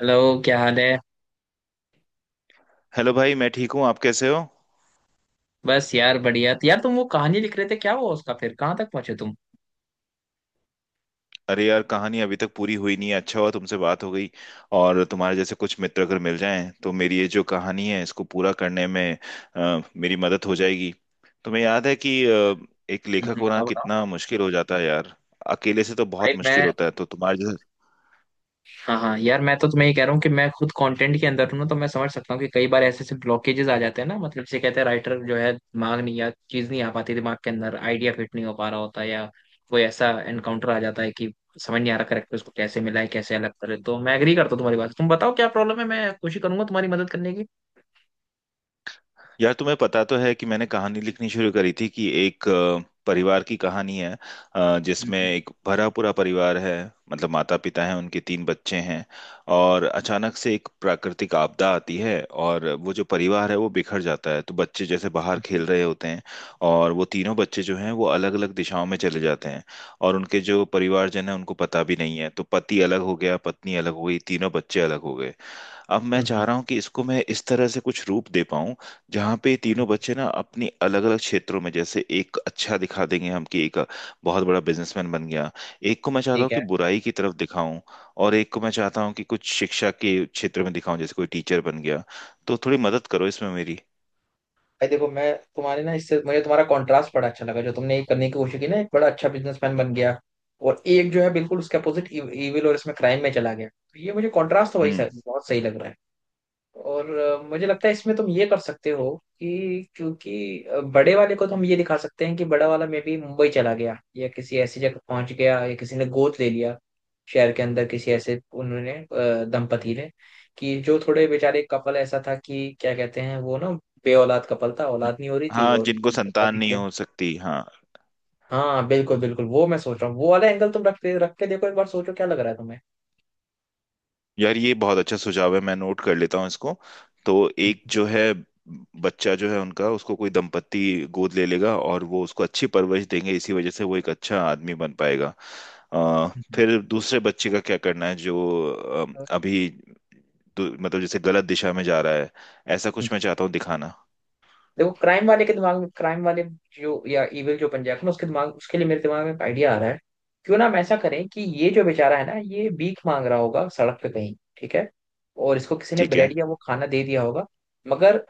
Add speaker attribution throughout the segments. Speaker 1: Hello, क्या हाल है।
Speaker 2: हेलो भाई, मैं ठीक हूँ। आप कैसे हो?
Speaker 1: बस यार बढ़िया। तो यार, तुम वो कहानी लिख रहे थे, क्या हुआ उसका फिर? कहाँ तक पहुंचे तुम?
Speaker 2: अरे यार, कहानी अभी तक पूरी हुई नहीं है। अच्छा हुआ तुमसे बात हो गई। और तुम्हारे जैसे कुछ मित्र अगर मिल जाएं तो मेरी ये जो कहानी है इसको पूरा करने में मेरी मदद हो जाएगी। तुम्हें याद है कि एक लेखक होना
Speaker 1: बताओ बताओ।
Speaker 2: कितना मुश्किल हो जाता है यार। अकेले से तो
Speaker 1: भाई
Speaker 2: बहुत मुश्किल
Speaker 1: मैं।
Speaker 2: होता है, तो तुम्हारे जैसे।
Speaker 1: हाँ हाँ यार, मैं तो तुम्हें ये कह रहा हूँ कि मैं खुद कंटेंट के अंदर हूँ ना, तो मैं समझ सकता हूँ कि कई बार ऐसे ऐसे ब्लॉकेजेस आ जाते हैं ना। मतलब जैसे कहते हैं, राइटर जो है दिमाग नहीं या चीज नहीं आ पाती, दिमाग के अंदर आइडिया फिट नहीं हो पा रहा होता, या कोई ऐसा एनकाउंटर आ जाता है कि समझ नहीं आ रहा करेक्टर उसको कैसे मिला है, कैसे अलग करे। तो मैं एग्री करता हूँ तुम्हारी बात से। तुम बताओ क्या प्रॉब्लम है, मैं कोशिश करूंगा तुम्हारी मदद करने की।
Speaker 2: यार तुम्हें पता तो है कि मैंने कहानी लिखनी शुरू करी थी कि एक परिवार की कहानी है। जिसमें
Speaker 1: हम्म,
Speaker 2: एक भरा पूरा परिवार है। मतलब माता पिता हैं, उनके तीन बच्चे हैं और अचानक से एक प्राकृतिक आपदा आती है और वो जो परिवार है वो बिखर जाता है। तो बच्चे जैसे बाहर
Speaker 1: हम्म,
Speaker 2: खेल रहे होते हैं और वो तीनों बच्चे जो हैं वो अलग अलग दिशाओं में चले जाते हैं। और उनके जो परिवारजन है उनको पता भी नहीं है। तो पति अलग हो गया, पत्नी अलग हो गई, तीनों बच्चे अलग हो गए। अब मैं
Speaker 1: हम्म, हम्म,
Speaker 2: चाह
Speaker 1: हम्म,
Speaker 2: रहा हूँ कि इसको मैं इस तरह से कुछ रूप दे पाऊँ जहाँ पे ये तीनों
Speaker 1: हम्म।
Speaker 2: बच्चे ना अपनी अलग अलग क्षेत्रों में, जैसे एक अच्छा दिखा देंगे हम कि एक बहुत बड़ा बिजनेसमैन बन गया। एक को मैं चाहता हूँ
Speaker 1: ठीक है।
Speaker 2: कि बुराई की तरफ दिखाऊं और एक को मैं चाहता हूँ कि कुछ शिक्षा के क्षेत्र में दिखाऊं, जैसे कोई टीचर बन गया। तो थोड़ी मदद करो इसमें मेरी।
Speaker 1: भाई देखो मैं। तुम्हारे ना, इससे मुझे तुम्हारा कंट्रास्ट बड़ा अच्छा लगा, जो तुमने ये करने की कोशिश की ना, एक बड़ा अच्छा बिजनेसमैन बन गया, और एक जो है बिल्कुल उसके अपोजिट इविल और इसमें क्राइम में चला गया। तो ये मुझे कंट्रास्ट तो वही
Speaker 2: हम्म।
Speaker 1: सर बहुत सही लग रहा है। और मुझे लगता है इसमें तुम ये कर सकते हो कि क्योंकि बड़े वाले को तो हम ये दिखा सकते हैं कि बड़ा वाला में भी मुंबई चला गया या किसी ऐसी जगह पहुंच गया, या किसी ने गोद ले लिया शहर के अंदर, किसी ऐसे उन्होंने दंपति ने, कि जो थोड़े बेचारे कपल ऐसा था कि क्या कहते हैं वो ना, बे औलाद कपल था, औलाद नहीं हो रही थी
Speaker 2: हाँ,
Speaker 1: और
Speaker 2: जिनको
Speaker 1: उनको बच्चा
Speaker 2: संतान
Speaker 1: दिख
Speaker 2: नहीं
Speaker 1: गया।
Speaker 2: हो सकती, हाँ।
Speaker 1: हाँ बिल्कुल बिल्कुल, वो मैं सोच रहा हूँ, वो वाला एंगल तुम रख रख के देखो एक बार, सोचो क्या लग रहा है तुम्हें।
Speaker 2: यार ये बहुत अच्छा सुझाव है, मैं नोट कर लेता हूँ इसको। तो एक
Speaker 1: हम्म,
Speaker 2: जो है बच्चा जो है उनका, उसको कोई दंपत्ति गोद ले लेगा और वो उसको अच्छी परवरिश देंगे, इसी वजह से वो एक अच्छा आदमी बन पाएगा। अ,
Speaker 1: हम्म,
Speaker 2: फिर दूसरे बच्चे का क्या करना है जो अ, अभी मतलब जैसे गलत दिशा में जा रहा है, ऐसा
Speaker 1: हम्म।
Speaker 2: कुछ मैं चाहता हूँ दिखाना।
Speaker 1: देखो क्राइम वाले के दिमाग में, क्राइम वाले जो या इविल जो बन जाएगा ना, उसके दिमाग, उसके लिए मेरे दिमाग में एक आइडिया आ रहा है। क्यों ना हम ऐसा करें कि ये जो बेचारा है ना, ये भीख मांग रहा होगा सड़क पे कहीं, ठीक है। और इसको किसी ने
Speaker 2: ठीक है।
Speaker 1: ब्रेड या वो खाना दे दिया होगा। मगर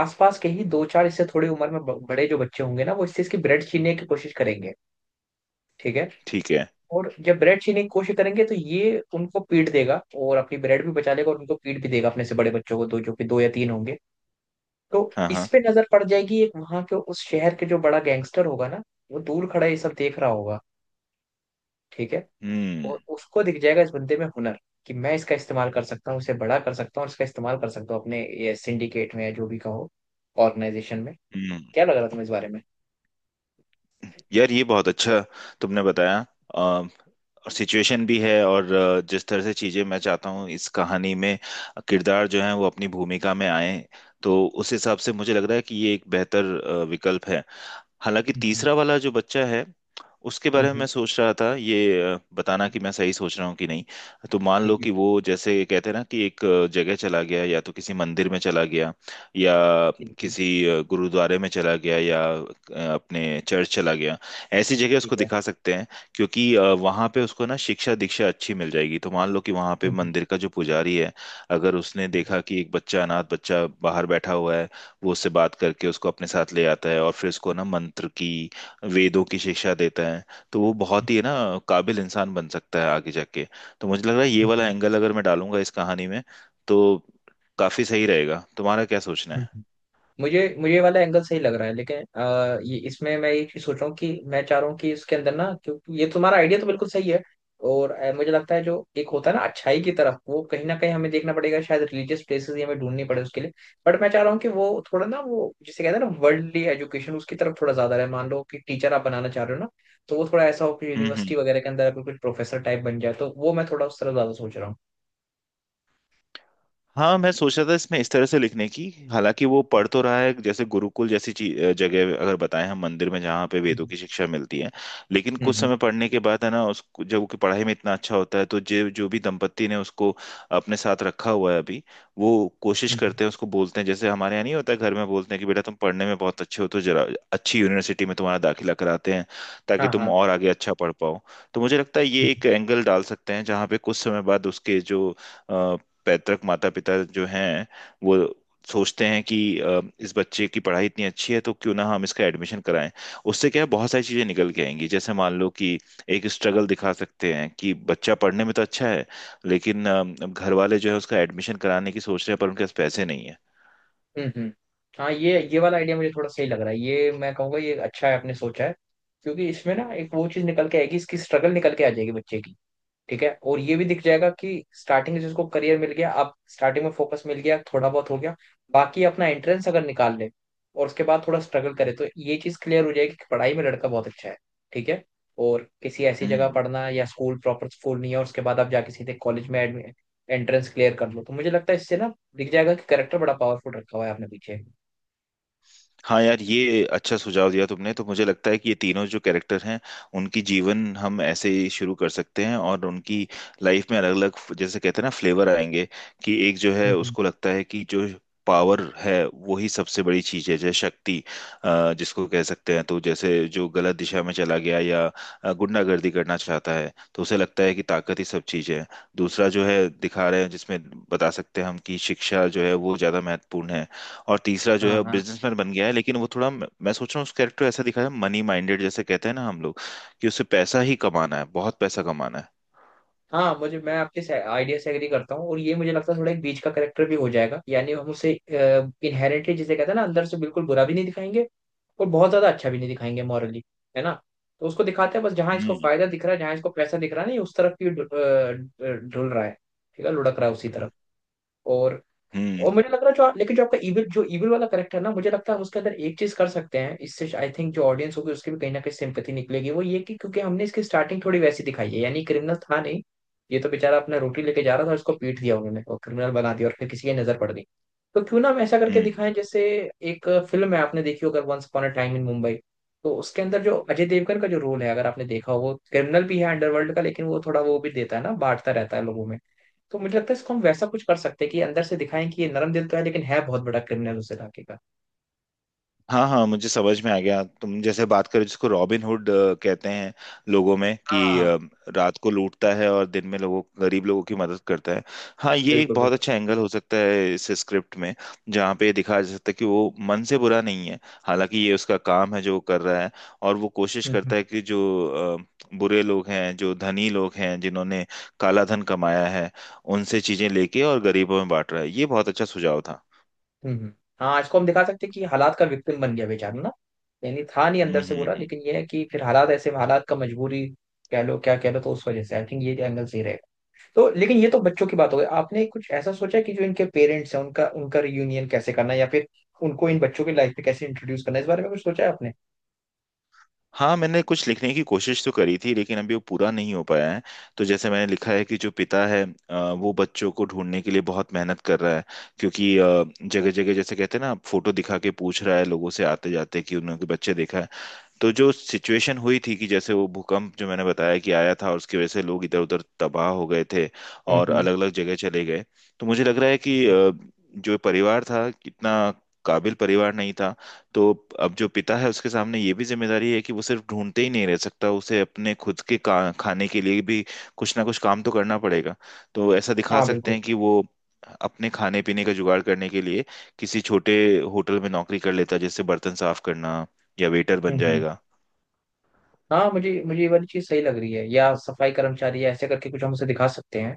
Speaker 1: आसपास के ही दो चार, इससे थोड़ी उम्र में बड़े जो बच्चे होंगे ना, वो इससे इसकी ब्रेड छीनने की कोशिश करेंगे, ठीक है।
Speaker 2: ठीक है।
Speaker 1: और जब ब्रेड छीनने की कोशिश करेंगे, तो ये उनको पीट देगा और अपनी ब्रेड भी बचा लेगा और उनको पीट भी देगा, अपने से बड़े बच्चों को, दो जो कि दो या तीन होंगे। तो
Speaker 2: हाँ
Speaker 1: इस
Speaker 2: हाँ।
Speaker 1: पे नजर पड़ जाएगी एक वहां के उस शहर के जो बड़ा गैंगस्टर होगा ना, वो दूर खड़ा ये सब देख रहा होगा, ठीक है।
Speaker 2: हम्म।
Speaker 1: और उसको दिख जाएगा इस बंदे में हुनर, कि मैं इसका इस्तेमाल कर सकता हूँ, इसे बड़ा कर सकता हूँ और इसका इस्तेमाल कर सकता हूँ अपने ये सिंडिकेट में, या जो भी कहो, ऑर्गेनाइजेशन में।
Speaker 2: हम्म।
Speaker 1: क्या लग रहा तुम्हें इस बारे में?
Speaker 2: यार ये बहुत अच्छा तुमने बताया। और सिचुएशन भी है और जिस तरह से चीजें मैं चाहता हूँ इस कहानी में किरदार जो है वो अपनी भूमिका में आए, तो उस हिसाब से मुझे लग रहा है कि ये एक बेहतर विकल्प है। हालांकि
Speaker 1: हम्म,
Speaker 2: तीसरा वाला जो बच्चा है उसके
Speaker 1: हम्म,
Speaker 2: बारे में मैं सोच रहा था, ये बताना
Speaker 1: हम्म।
Speaker 2: कि मैं सही सोच रहा हूँ कि नहीं। तो मान
Speaker 1: ठीक
Speaker 2: लो
Speaker 1: है,
Speaker 2: कि वो जैसे कहते हैं ना कि एक जगह चला गया, या तो किसी मंदिर में चला गया या
Speaker 1: ठीक है,
Speaker 2: किसी गुरुद्वारे में चला गया या अपने चर्च चला गया। ऐसी जगह
Speaker 1: ठीक
Speaker 2: उसको
Speaker 1: है।
Speaker 2: दिखा सकते हैं, क्योंकि वहाँ पे उसको ना शिक्षा दीक्षा अच्छी मिल जाएगी। तो मान लो कि वहाँ पे
Speaker 1: हम्म, हम्म,
Speaker 2: मंदिर का जो पुजारी है, अगर उसने
Speaker 1: हम्म,
Speaker 2: देखा कि एक बच्चा, अनाथ बच्चा बाहर बैठा हुआ है, वो उससे बात करके उसको अपने साथ ले आता है और फिर उसको ना मंत्र की, वेदों की शिक्षा देता है। तो वो बहुत ही
Speaker 1: हम्म,
Speaker 2: ना काबिल इंसान बन सकता है आगे जाके। तो मुझे लग रहा है ये
Speaker 1: हम्म,
Speaker 2: वाला
Speaker 1: हम्म,
Speaker 2: एंगल अगर मैं डालूंगा इस कहानी में तो काफी सही रहेगा। तुम्हारा क्या सोचना है?
Speaker 1: हम्म। मुझे मुझे ये वाला एंगल सही लग रहा है, लेकिन ये इसमें मैं ये चीज सोच रहा हूँ कि मैं चाह रहा हूँ कि इसके अंदर ना, क्योंकि ये तुम्हारा आइडिया तो बिल्कुल सही है। और मुझे लगता है, जो एक होता है ना अच्छाई की तरफ, वो कहीं ना कहीं हमें देखना पड़ेगा, शायद रिलीजियस प्लेसेस ही हमें ढूंढनी पड़े उसके लिए। बट मैं चाह रहा हूँ कि वो थोड़ा ना, वो जिसे कहते हैं ना वर्ल्डली एजुकेशन, उसकी तरफ थोड़ा ज्यादा रहे। मान लो कि टीचर आप बनाना चाह रहे हो ना, तो वो थोड़ा ऐसा हो कि
Speaker 2: हम्म।
Speaker 1: यूनिवर्सिटी
Speaker 2: हम्म।
Speaker 1: वगैरह के अंदर अगर कुछ प्रोफेसर टाइप बन जाए, तो वो मैं थोड़ा उस तरफ ज्यादा सोच रहा हूँ।
Speaker 2: हाँ, मैं सोच रहा था इसमें इस तरह से लिखने की। हालांकि वो पढ़ तो रहा है, जैसे गुरुकुल जैसी जगह अगर बताएं हम, मंदिर में जहाँ पे वेदों
Speaker 1: हम्म।
Speaker 2: की शिक्षा मिलती है। लेकिन
Speaker 1: हम्म,
Speaker 2: कुछ
Speaker 1: हम्म,
Speaker 2: समय पढ़ने के बाद है ना, उसको जब उसकी पढ़ाई में इतना अच्छा होता है, तो जो जो भी दंपत्ति ने उसको अपने साथ रखा हुआ है अभी, वो कोशिश
Speaker 1: हम्म।
Speaker 2: करते हैं, उसको बोलते हैं जैसे हमारे यहाँ नहीं होता है, घर में बोलते हैं कि बेटा तुम पढ़ने में बहुत अच्छे हो, तो जरा अच्छी यूनिवर्सिटी में तुम्हारा दाखिला कराते हैं,
Speaker 1: हाँ,
Speaker 2: ताकि तुम
Speaker 1: हाँ।
Speaker 2: और आगे अच्छा पढ़ पाओ। तो मुझे लगता है ये एक एंगल डाल सकते हैं जहाँ पे कुछ समय बाद उसके जो पैतृक माता पिता जो हैं, वो सोचते हैं कि इस बच्चे की पढ़ाई इतनी अच्छी है, तो क्यों ना हम इसका एडमिशन कराएं। उससे क्या है, बहुत सारी चीजें निकल के आएंगी, जैसे मान लो कि एक स्ट्रगल दिखा सकते हैं कि बच्चा पढ़ने में तो अच्छा है, लेकिन घर वाले जो है उसका एडमिशन कराने की सोच रहे हैं, पर उनके पास पैसे नहीं
Speaker 1: हम्म, हम्म। हाँ, ये वाला आइडिया मुझे थोड़ा सही लग रहा है, ये मैं कहूँगा ये अच्छा है आपने सोचा है। क्योंकि इसमें ना एक वो चीज निकल के आएगी, इसकी स्ट्रगल निकल के आ जाएगी बच्चे की, ठीक है। और ये भी दिख जाएगा कि स्टार्टिंग जिसको करियर मिल गया, आप स्टार्टिंग में फोकस मिल गया, थोड़ा बहुत हो गया, बाकी अपना एंट्रेंस अगर निकाल ले और उसके बाद थोड़ा स्ट्रगल करे, तो ये चीज क्लियर हो जाएगी कि पढ़ाई में लड़का बहुत अच्छा है, ठीक है। और किसी ऐसी जगह
Speaker 2: है।
Speaker 1: पढ़ना, या स्कूल प्रॉपर स्कूल नहीं है, और उसके बाद आप जाके सीधे कॉलेज में एंट्रेंस क्लियर कर लो, तो मुझे लगता है इससे ना दिख जाएगा कि करेक्टर बड़ा पावरफुल रखा हुआ है आपने पीछे।
Speaker 2: हाँ यार, ये अच्छा सुझाव दिया तुमने। तो मुझे लगता है कि ये तीनों जो कैरेक्टर हैं उनकी जीवन हम ऐसे ही शुरू कर सकते हैं और उनकी लाइफ में अलग अलग, जैसे कहते हैं ना, फ्लेवर आएंगे। कि एक जो है
Speaker 1: हम्म, हम्म।
Speaker 2: उसको लगता है कि जो पावर है वो ही सबसे बड़ी चीज है, जैसे शक्ति जिसको कह सकते हैं। तो जैसे जो गलत दिशा में चला गया या गुंडागर्दी करना चाहता है, तो उसे लगता है कि ताकत ही सब चीज है। दूसरा जो है दिखा रहे हैं जिसमें बता सकते हैं हम कि शिक्षा जो है वो ज्यादा महत्वपूर्ण है। और तीसरा जो
Speaker 1: हाँ,
Speaker 2: है
Speaker 1: हाँ।
Speaker 2: बिजनेसमैन बन गया है, लेकिन वो थोड़ा मैं सोच रहा हूँ उस कैरेक्टर ऐसा दिखाया, मनी माइंडेड, जैसे कहते हैं ना हम लोग, कि उसे पैसा ही कमाना है, बहुत पैसा कमाना है।
Speaker 1: हाँ, मुझे मैं आपके आइडिया से एग्री करता हूँ, और ये मुझे लगता है थोड़ा एक बीच का करेक्टर भी हो जाएगा, यानी हम उसे इनहेरेंटली जिसे कहते हैं ना, अंदर से बिल्कुल बुरा भी नहीं दिखाएंगे, और बहुत ज्यादा अच्छा भी नहीं दिखाएंगे मॉरली, है ना। तो उसको दिखाते हैं बस, जहाँ इसको
Speaker 2: हम्म।
Speaker 1: फायदा दिख रहा है, जहाँ इसको पैसा दिख रहा है, नहीं उस तरफ ही ढुल रहा है, ठीक है, लुढ़क रहा है उसी तरफ। और
Speaker 2: हम्म।
Speaker 1: और मुझे लग रहा है, जो लेकिन जो आपका इविल, जो इविल वाला करेक्टर है ना, मुझे लगता है हम उसके अंदर एक चीज कर सकते हैं, इससे आई थिंक जो ऑडियंस होगी उसकी भी कहीं ना कहीं सिंपैथी निकलेगी। वो ये कि क्योंकि हमने इसकी स्टार्टिंग थोड़ी वैसी दिखाई है, यानी क्रिमिनल था नहीं, ये तो बेचारा अपना रोटी लेके जा रहा था, उसको पीट दिया उन्होंने और क्रिमिनल बना दिया, और फिर किसी की नजर पड़ गई। तो क्यों ना हम ऐसा करके
Speaker 2: हम्म।
Speaker 1: दिखाएं, जैसे एक फिल्म है आपने देखी हो अगर, once upon a time in Mumbai. तो उसके अंदर जो अजय देवगन का जो रोल है, अगर आपने देखा हो, वो क्रिमिनल भी है अंडरवर्ल्ड का, लेकिन वो थोड़ा वो भी देता है ना, बांटता रहता है लोगों में। तो मुझे लगता है इसको हम वैसा कुछ कर सकते हैं कि अंदर से दिखाएं कि ये नरम दिल तो है, लेकिन है बहुत बड़ा क्रिमिनल उस इलाके का।
Speaker 2: हाँ हाँ, मुझे समझ में आ गया, तुम जैसे बात करो जिसको रॉबिन हुड कहते हैं लोगों में, कि
Speaker 1: हाँ
Speaker 2: रात को लूटता है और दिन में लोगों, गरीब लोगों की मदद करता है। हाँ, ये एक
Speaker 1: बिल्कुल
Speaker 2: बहुत
Speaker 1: बिल्कुल।
Speaker 2: अच्छा एंगल हो सकता है इस स्क्रिप्ट में, जहाँ पे दिखाया जा सकता है कि वो मन से बुरा नहीं है। हालांकि ये उसका काम है जो वो कर रहा है, और वो कोशिश
Speaker 1: हम्म,
Speaker 2: करता है कि जो बुरे लोग हैं, जो धनी लोग हैं, जिन्होंने काला धन कमाया है, उनसे चीजें लेके और गरीबों में बांट रहा है। ये बहुत अच्छा सुझाव था।
Speaker 1: हम्म, हाँ, इसको हम दिखा सकते हैं कि हालात का विक्टिम बन गया बेचारा ना, यानी था नहीं
Speaker 2: हम्म।
Speaker 1: अंदर से
Speaker 2: हम्म।
Speaker 1: बुरा,
Speaker 2: हम्म।
Speaker 1: लेकिन ये है कि फिर हालात ऐसे, हालात का, मजबूरी कह लो क्या कह लो, तो उस वजह से आई थिंक ये एंगल सही रहेगा। तो लेकिन ये तो बच्चों की बात हो गई, आपने कुछ ऐसा सोचा कि जो इनके पेरेंट्स हैं, उनका उनका रियूनियन कैसे करना है, या फिर उनको इन बच्चों की लाइफ में कैसे इंट्रोड्यूस करना है, इस बारे में कुछ सोचा है आपने?
Speaker 2: हाँ, मैंने कुछ लिखने की कोशिश तो करी थी, लेकिन अभी वो पूरा नहीं हो पाया है। तो जैसे मैंने लिखा है कि जो पिता है, वो बच्चों को ढूंढने के लिए बहुत मेहनत कर रहा है, क्योंकि जगह जगह जैसे कहते हैं ना, फोटो दिखा के पूछ रहा है लोगों से आते जाते कि उन्होंने बच्चे देखा है। तो जो सिचुएशन हुई थी, कि जैसे वो भूकंप जो मैंने बताया कि आया था और उसकी वजह से लोग इधर उधर तबाह हो गए थे
Speaker 1: हम्म,
Speaker 2: और
Speaker 1: हम्म।
Speaker 2: अलग अलग जगह चले गए। तो मुझे लग रहा है
Speaker 1: ठीक
Speaker 2: कि
Speaker 1: है।
Speaker 2: जो परिवार था कितना काबिल परिवार नहीं था। तो अब जो पिता है उसके सामने ये भी जिम्मेदारी है कि वो सिर्फ ढूंढते ही नहीं रह सकता, उसे अपने खुद के खाने के लिए भी कुछ ना कुछ काम तो करना पड़ेगा। तो ऐसा दिखा
Speaker 1: हाँ
Speaker 2: सकते
Speaker 1: बिल्कुल।
Speaker 2: हैं कि वो अपने खाने पीने का जुगाड़ करने के लिए किसी छोटे होटल में नौकरी कर लेता, जैसे बर्तन साफ करना या वेटर बन
Speaker 1: हम्म, हम्म।
Speaker 2: जाएगा।
Speaker 1: हाँ, मुझे मुझे ये वाली चीज सही लग रही है, या सफाई कर्मचारी, या ऐसे करके कुछ हम उसे दिखा सकते हैं।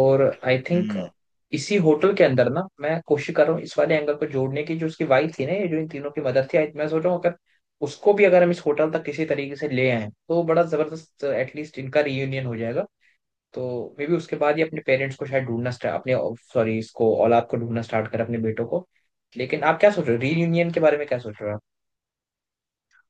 Speaker 1: और आई थिंक,
Speaker 2: हम्म।
Speaker 1: इसी होटल के अंदर ना मैं कोशिश कर रहा हूँ इस वाले एंगल को जोड़ने की, जो उसकी वाइफ थी ना, ये जो इन तीनों की मदर थी, मैं सोच रहा हूँ, अगर उसको भी अगर हम इस होटल तक किसी तरीके से ले आए, तो बड़ा जबरदस्त, एटलीस्ट इनका रियूनियन हो जाएगा। तो मे बी उसके बाद ही अपने पेरेंट्स को शायद ढूंढना स्टार्ट अपने, सॉरी, इसको औलाद को ढूंढना स्टार्ट कर, अपने बेटों को। लेकिन आप क्या सोच रहे हो रीयूनियन के बारे में, क्या सोच रहे हो आप?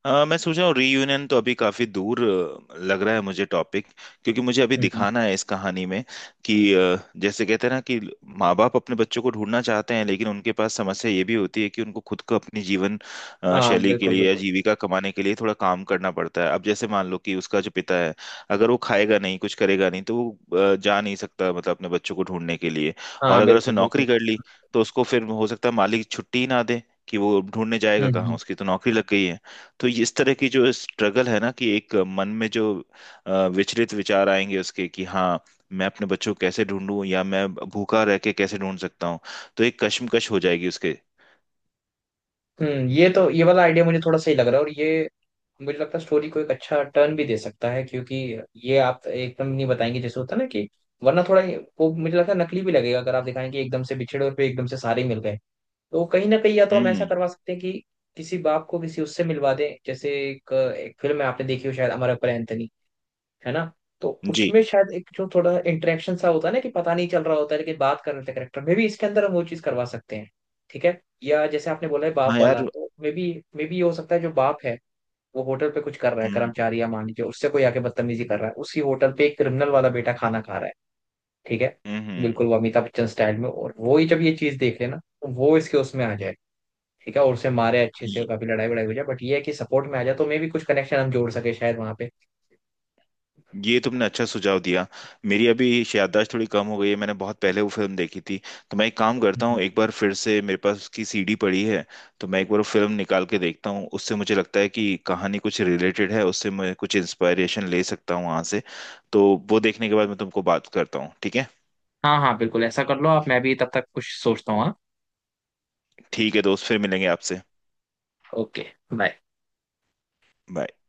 Speaker 2: हाँ, मैं सोच रहा हूँ रीयूनियन तो अभी काफी दूर लग रहा है मुझे टॉपिक। क्योंकि मुझे अभी
Speaker 1: हम्म,
Speaker 2: दिखाना है इस कहानी में कि जैसे कहते हैं ना कि माँ बाप अपने बच्चों को ढूंढना चाहते हैं, लेकिन उनके पास समस्या ये भी होती है कि उनको खुद को अपनी जीवन
Speaker 1: हाँ
Speaker 2: शैली के
Speaker 1: बिल्कुल
Speaker 2: लिए या
Speaker 1: बिल्कुल।
Speaker 2: जीविका कमाने के लिए थोड़ा काम करना पड़ता है। अब जैसे मान लो कि उसका जो पिता है, अगर वो खाएगा नहीं, कुछ करेगा नहीं, तो वो जा नहीं सकता, मतलब अपने बच्चों को ढूंढने के लिए। और
Speaker 1: हाँ
Speaker 2: अगर
Speaker 1: बिल्कुल
Speaker 2: उसने
Speaker 1: बिल्कुल।
Speaker 2: नौकरी कर ली, तो उसको फिर हो सकता है मालिक छुट्टी ही ना दे, कि वो ढूंढने जाएगा
Speaker 1: हम्म,
Speaker 2: कहाँ,
Speaker 1: हम्म,
Speaker 2: उसकी तो नौकरी लग गई है। तो ये इस तरह की जो स्ट्रगल है ना, कि एक मन में जो विचलित विचार आएंगे उसके, कि हाँ मैं अपने बच्चों को कैसे ढूंढूं, या मैं भूखा रह के कैसे ढूंढ सकता हूँ। तो एक कश्मकश हो जाएगी उसके।
Speaker 1: हम्म। ये तो ये वाला आइडिया मुझे थोड़ा सही लग रहा है, और ये मुझे लगता है स्टोरी को एक अच्छा टर्न भी दे सकता है, क्योंकि ये आप एकदम नहीं बताएंगे जैसे होता है ना कि, वरना थोड़ा वो मुझे लगता है नकली भी लगेगा अगर आप दिखाएं कि एकदम से बिछड़े और फिर एकदम से सारे मिल गए। तो कहीं ना कहीं, या तो हम ऐसा
Speaker 2: हम्म।
Speaker 1: करवा सकते हैं कि किसी बाप को किसी उससे मिलवा दें। जैसे एक फिल्म है आपने देखी हो शायद, अमर अकबर एंथनी, है ना। तो
Speaker 2: जी।
Speaker 1: उसमें शायद एक जो थोड़ा इंटरेक्शन सा होता है ना, कि पता नहीं चल रहा होता है लेकिन बात कर रहे थे करेक्टर मे भी, इसके अंदर हम वो चीज करवा सकते हैं, ठीक है। या जैसे आपने बोला है बाप
Speaker 2: हाँ यार।
Speaker 1: वाला, तो मे बी ये हो सकता है, जो बाप है वो होटल पे कुछ कर रहा है
Speaker 2: हम्म।
Speaker 1: कर्मचारी, या मान लीजिए उससे कोई आके बदतमीजी कर रहा है उसी होटल पे, एक क्रिमिनल वाला बेटा खाना खा रहा है, ठीक है।
Speaker 2: हम्म। हम्म।
Speaker 1: बिल्कुल वो अमिताभ बच्चन स्टाइल में, और वो ही जब ये चीज देख लेना, तो वो इसके उसमें आ जाए, ठीक है। और उसे मारे अच्छे से, काफी लड़ाई वड़ाई हो जाए, बट ये है कि सपोर्ट में आ जाए, तो मे भी कुछ कनेक्शन हम जोड़ सके शायद वहां
Speaker 2: ये तुमने अच्छा सुझाव दिया। मेरी अभी याददाश्त थोड़ी कम हो गई है, मैंने बहुत पहले वो फिल्म देखी थी। तो मैं एक काम करता
Speaker 1: पे।
Speaker 2: हूँ, एक बार फिर से, मेरे पास उसकी सीडी पड़ी है, तो मैं एक बार वो फिल्म निकाल के देखता हूँ। उससे मुझे लगता है कि कहानी कुछ रिलेटेड है, उससे मैं कुछ इंस्पायरेशन ले सकता हूँ वहाँ से। तो वो देखने के बाद मैं तुमको बात करता हूँ, ठीक है?
Speaker 1: हाँ हाँ बिल्कुल, ऐसा कर लो आप, मैं भी तब तक कुछ सोचता हूँ, हाँ।
Speaker 2: ठीक है दोस्त, फिर मिलेंगे आपसे।
Speaker 1: ओके। बाय।
Speaker 2: Bye.